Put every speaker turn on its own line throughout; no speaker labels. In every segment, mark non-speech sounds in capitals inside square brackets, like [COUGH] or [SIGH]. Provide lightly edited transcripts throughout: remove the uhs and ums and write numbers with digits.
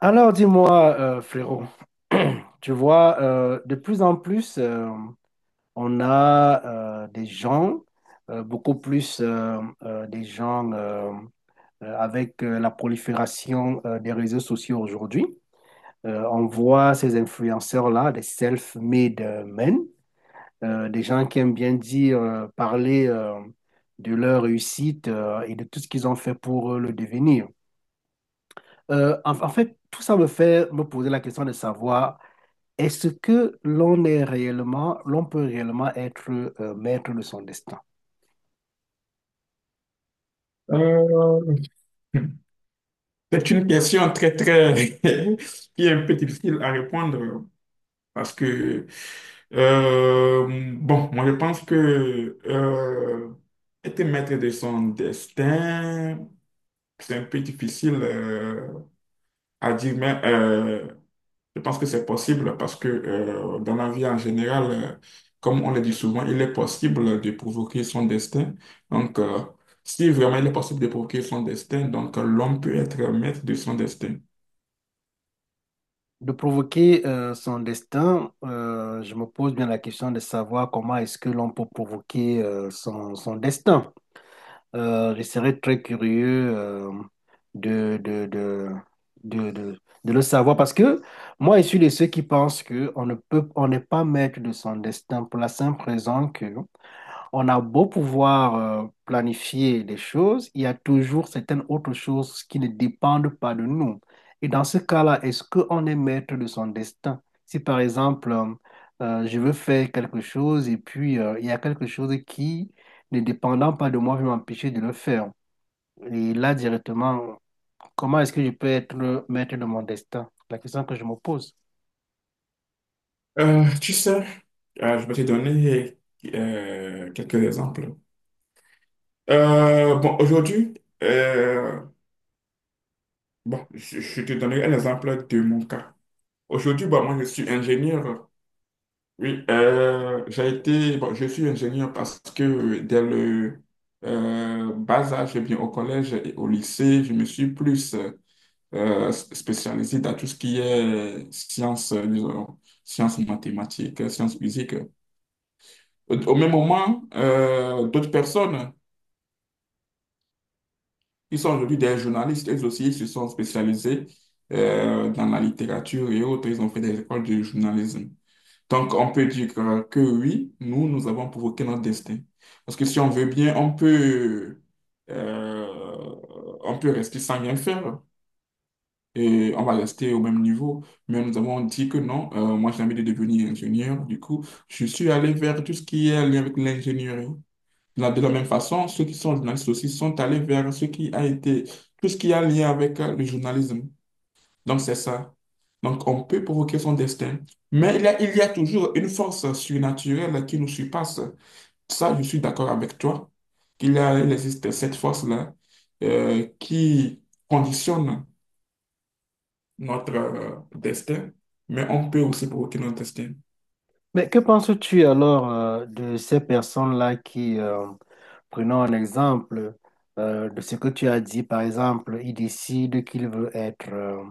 Alors dis-moi, frérot, [CLEARS THROAT] tu vois, de plus en plus, on a des gens, beaucoup plus des gens avec la prolifération des réseaux sociaux aujourd'hui. On voit ces influenceurs-là, des self-made men, des gens qui aiment bien dire, parler de leur réussite et de tout ce qu'ils ont fait pour le devenir. En fait, tout ça me fait me poser la question de savoir. Est-ce que l'on est réellement, l'on peut réellement être maître de son destin?
Euh, c'est une question très, très, [LAUGHS] qui est un peu difficile à répondre parce que, euh, bon, moi je pense que être maître de son destin, c'est un peu difficile à dire, mais je pense que c'est possible parce que dans la vie en général, comme on le dit souvent, il est possible de provoquer son destin. Donc, si vraiment il est possible de provoquer son destin, donc l'homme peut être maître de son destin.
De provoquer son destin, je me pose bien la question de savoir comment est-ce que l'on peut provoquer son destin. Je serais très curieux de, de, de, de, de- de le savoir parce que moi, je suis de ceux qui pensent que on ne peut, on n'est pas maître de son destin pour la simple raison que on a beau pouvoir planifier les choses, il y a toujours certaines autres choses qui ne dépendent pas de nous. Et dans ce cas-là, est-ce qu'on est maître de son destin? Si par exemple, je veux faire quelque chose et puis il y a quelque chose qui, ne dépendant pas de moi, va m'empêcher de le faire. Et là, directement, comment est-ce que je peux être le maître de mon destin? La question que je me pose.
Tu sais, je vais te donner quelques exemples. Bon, aujourd'hui, euh, bon, je te donnerai un exemple de mon cas. Aujourd'hui, bah, moi, je suis ingénieur. Oui, j'ai été, bon, je suis ingénieur parce que dès le bas âge, eh bien au collège et au lycée, je me suis plus spécialisé dans tout ce qui est sciences, disons, sciences mathématiques, sciences physiques. Au même moment, d'autres personnes qui sont aujourd'hui des journalistes, elles aussi se sont spécialisées dans la littérature et autres, ils ont fait des écoles de journalisme. Donc, on peut dire que oui, nous, nous avons provoqué notre destin. Parce que si on veut bien, euh, on peut rester sans rien faire et on va rester au même niveau. Mais nous avons dit que non, moi, j'ai envie de devenir ingénieur. Du coup, je suis allé vers tout ce qui est lié avec l'ingénierie. De la même façon, ceux qui sont journalistes aussi sont allés vers ce qui a été, tout ce qui a lié avec le journalisme. Donc, c'est ça. Donc, on peut provoquer son destin, mais il y a toujours une force surnaturelle qui nous surpasse. Ça, je suis d'accord avec toi, il existe cette force-là qui conditionne notre destin, mais on peut aussi provoquer notre destin.
Mais que penses-tu alors de ces personnes-là qui, prenons un exemple de ce que tu as dit, par exemple, il décide qu'il veut être euh,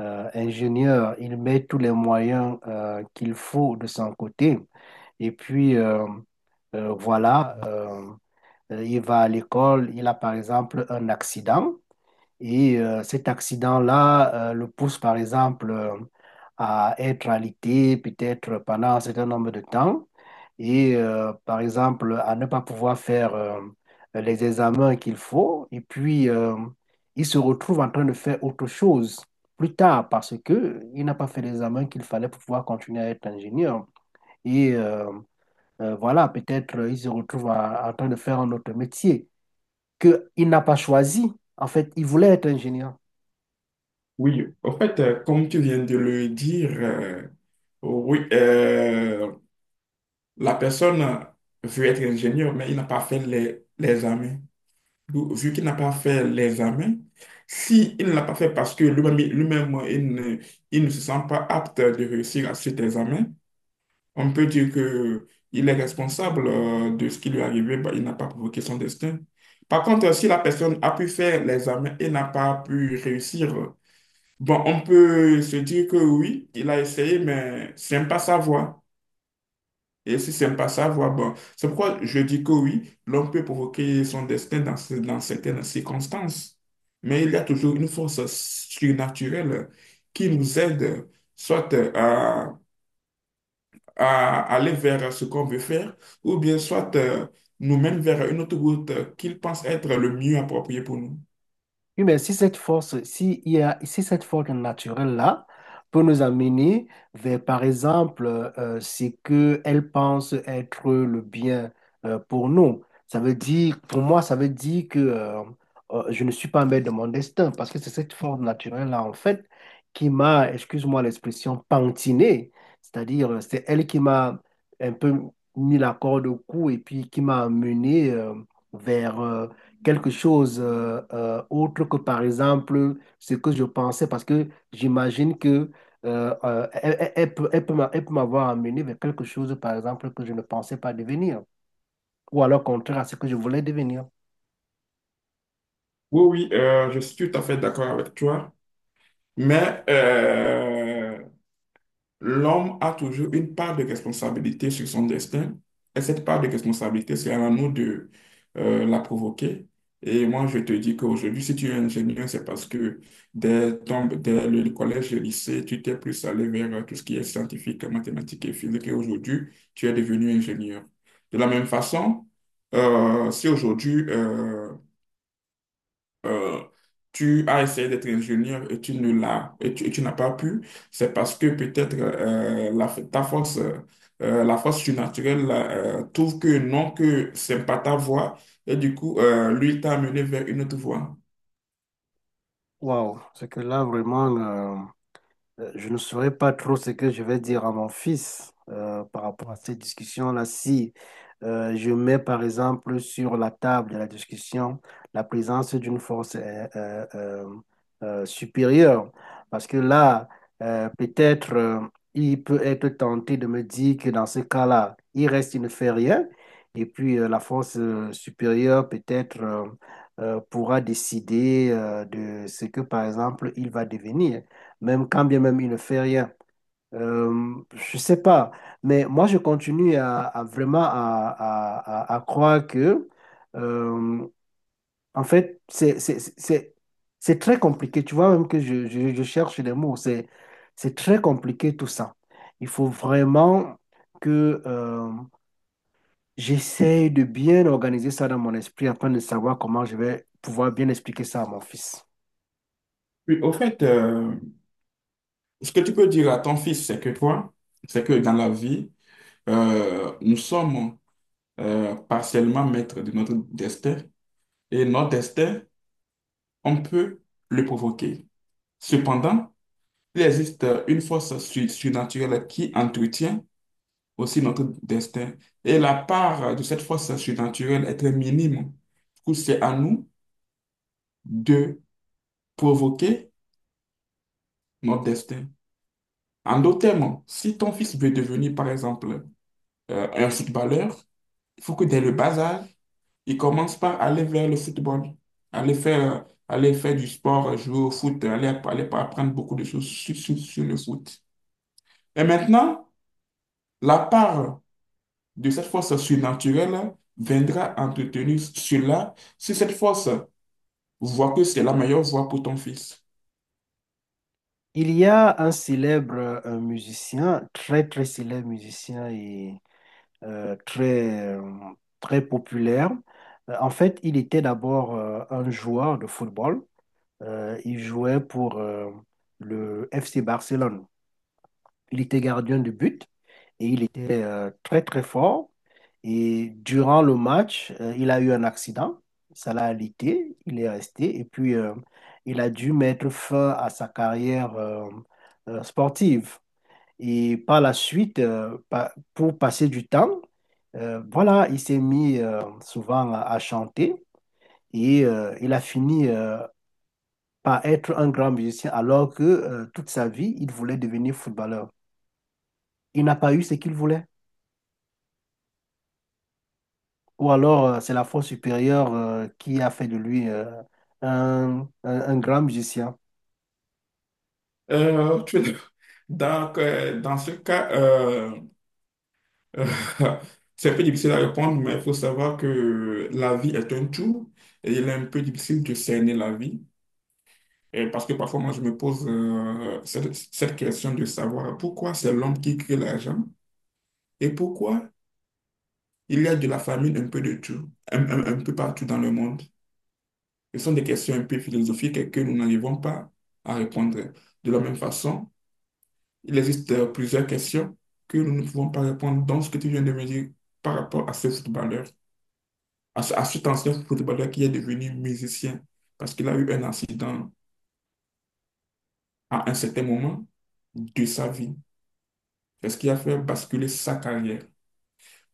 euh, ingénieur, il met tous les moyens qu'il faut de son côté, et puis voilà, il va à l'école, il a par exemple un accident. Et cet accident-là le pousse, par exemple, à être alité peut-être pendant un certain nombre de temps et, par exemple, à ne pas pouvoir faire les examens qu'il faut. Et puis, il se retrouve en train de faire autre chose plus tard parce qu'il n'a pas fait l'examen qu'il fallait pour pouvoir continuer à être ingénieur. Et voilà, peut-être il se retrouve à- en train de faire un autre métier qu'il n'a pas choisi. En fait, il voulait être ingénieur.
Oui, en fait, comme tu viens de le dire, oui, la personne veut être ingénieur, mais il n'a pas fait les examens. Vu qu'il n'a pas fait les examens, si il ne l'a pas fait parce que lui-même, il ne se sent pas apte de réussir à cet examen, on peut dire que il est responsable de ce qui lui est arrivé, bah, il n'a pas provoqué son destin. Par contre, si la personne a pu faire les examens et n'a pas pu réussir, bon, on peut se dire que oui, il a essayé, mais c'est pas sa voie. Et si c'est pas ça, voilà, bon. C'est pourquoi je dis que oui, l'homme peut provoquer son destin dans certaines circonstances. Mais il y a toujours une force surnaturelle qui nous aide soit à aller vers ce qu'on veut faire, ou bien soit nous mène vers une autre route qu'il pense être le mieux approprié pour nous.
Oui, mais si cette force, si, il y a, si cette force naturelle-là peut nous amener vers, par exemple, ce qu'elle pense être le bien pour nous, pour moi, ça veut dire que je ne suis pas maître de mon destin parce que c'est cette force naturelle-là, en fait, qui m'a, excuse-moi l'expression, pantiné. C'est-à-dire, c'est elle qui m'a un peu mis la corde au cou et puis qui m'a amené vers quelque chose autre que, par exemple, ce que je pensais, parce que j'imagine que elle peut elle peut m'avoir amené vers quelque chose, par exemple, que je ne pensais pas devenir, ou alors contraire à ce que je voulais devenir.
Oui, oui, je suis tout à fait d'accord avec toi. Mais l'homme a toujours une part de responsabilité sur son destin, et cette part de responsabilité, c'est à nous de la provoquer. Et moi, je te dis qu'aujourd'hui, si tu es ingénieur, c'est parce que dès le collège et le lycée, tu t'es plus allé vers tout ce qui est scientifique, mathématiques et physique, et aujourd'hui, tu es devenu ingénieur. De la même façon, si aujourd'hui, euh, tu as essayé d'être ingénieur et tu ne l'as et tu n'as pas pu, c'est parce que peut-être ta force, la force surnaturelle trouve que non, que c'est pas ta voie et du coup, lui t'a amené vers une autre voie.
Waouh, c'est que là, vraiment, je ne saurais pas trop ce que je vais dire à mon fils par rapport à cette discussion-là. Si je mets par exemple sur la table de la discussion la présence d'une force supérieure, parce que là, peut-être il peut être tenté de me dire que dans ce cas-là, il reste, il ne fait rien, et puis la force supérieure peut-être pourra décider de ce que par exemple il va devenir même quand bien même il ne fait rien. Je sais pas, mais moi je continue à vraiment à croire que, euh, en fait, c'est très compliqué. Tu vois, même que je cherche les mots, c'est très compliqué tout ça. Il faut vraiment que j'essaye de bien organiser ça dans mon esprit afin de savoir comment je vais pouvoir bien expliquer ça à mon fils.
Oui, au fait, ce que tu peux dire à ton fils, c'est que toi, c'est que dans la vie, nous sommes partiellement maître de notre destin et notre destin, on peut le provoquer. Cependant, il existe une force surnaturelle qui entretient aussi notre destin et la part de cette force surnaturelle est très minime. Du coup, c'est à nous de provoquer notre destin. En d'autres termes, si ton fils veut devenir, par exemple, un footballeur, il faut que dès le bas âge, ils commencent par aller vers le football, aller faire du sport, jouer au foot, aller apprendre beaucoup de choses sur le foot. Et maintenant, la part de cette force surnaturelle viendra entretenir cela, si cette force voit que c'est la meilleure voie pour ton fils.
Il y a un célèbre un musicien, très très célèbre musicien et euh, très euh, très populaire. En fait, il était d'abord un joueur de football. Il jouait pour le FC Barcelone. Il était gardien de but et il était très très fort. Et durant le match, il a eu un accident, ça l'a alité, il est resté et puis il a dû mettre fin à sa carrière sportive. Et par la suite, pour passer du temps, voilà, il s'est mis souvent à chanter et il a fini par être un grand musicien alors que toute sa vie, il voulait devenir footballeur. Il n'a pas eu ce qu'il voulait. Ou alors, c'est la force supérieure qui a fait de lui un grand musicien.
Euh, tu- [LAUGHS] Donc, dans ce cas, [LAUGHS] c'est un peu difficile à répondre, mais il faut savoir que la vie est un tout et il est un peu difficile de cerner la vie. Et parce que parfois, moi, je me pose cette question de savoir pourquoi c'est l'homme qui crée l'argent et pourquoi il y a de la famine un peu de tout, un peu partout dans le monde. Ce sont des questions un peu philosophiques et que nous n'arrivons pas à répondre. De la même façon, il existe plusieurs questions que nous ne pouvons pas répondre dans ce que tu viens de me dire par rapport à ce footballeur. À cet ancien footballeur qui est devenu musicien parce qu'il a eu un accident à un certain moment de sa vie. C'est ce qui a fait basculer sa carrière.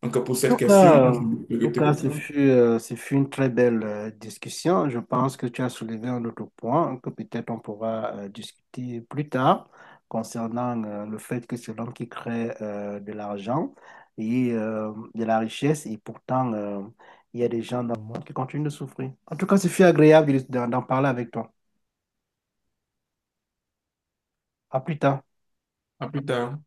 Donc, pour cette
tout
question,
cas, en
je
tout
vais te
cas,
répondre.
ce fut une très belle discussion. Je pense que tu as soulevé un autre point que peut-être on pourra discuter plus tard concernant le fait que c'est l'homme qui crée de l'argent et de la richesse et pourtant il y a des gens dans le monde qui continuent de souffrir. En tout cas, ce fut agréable d'en parler avec toi. À plus tard.
À plus tard.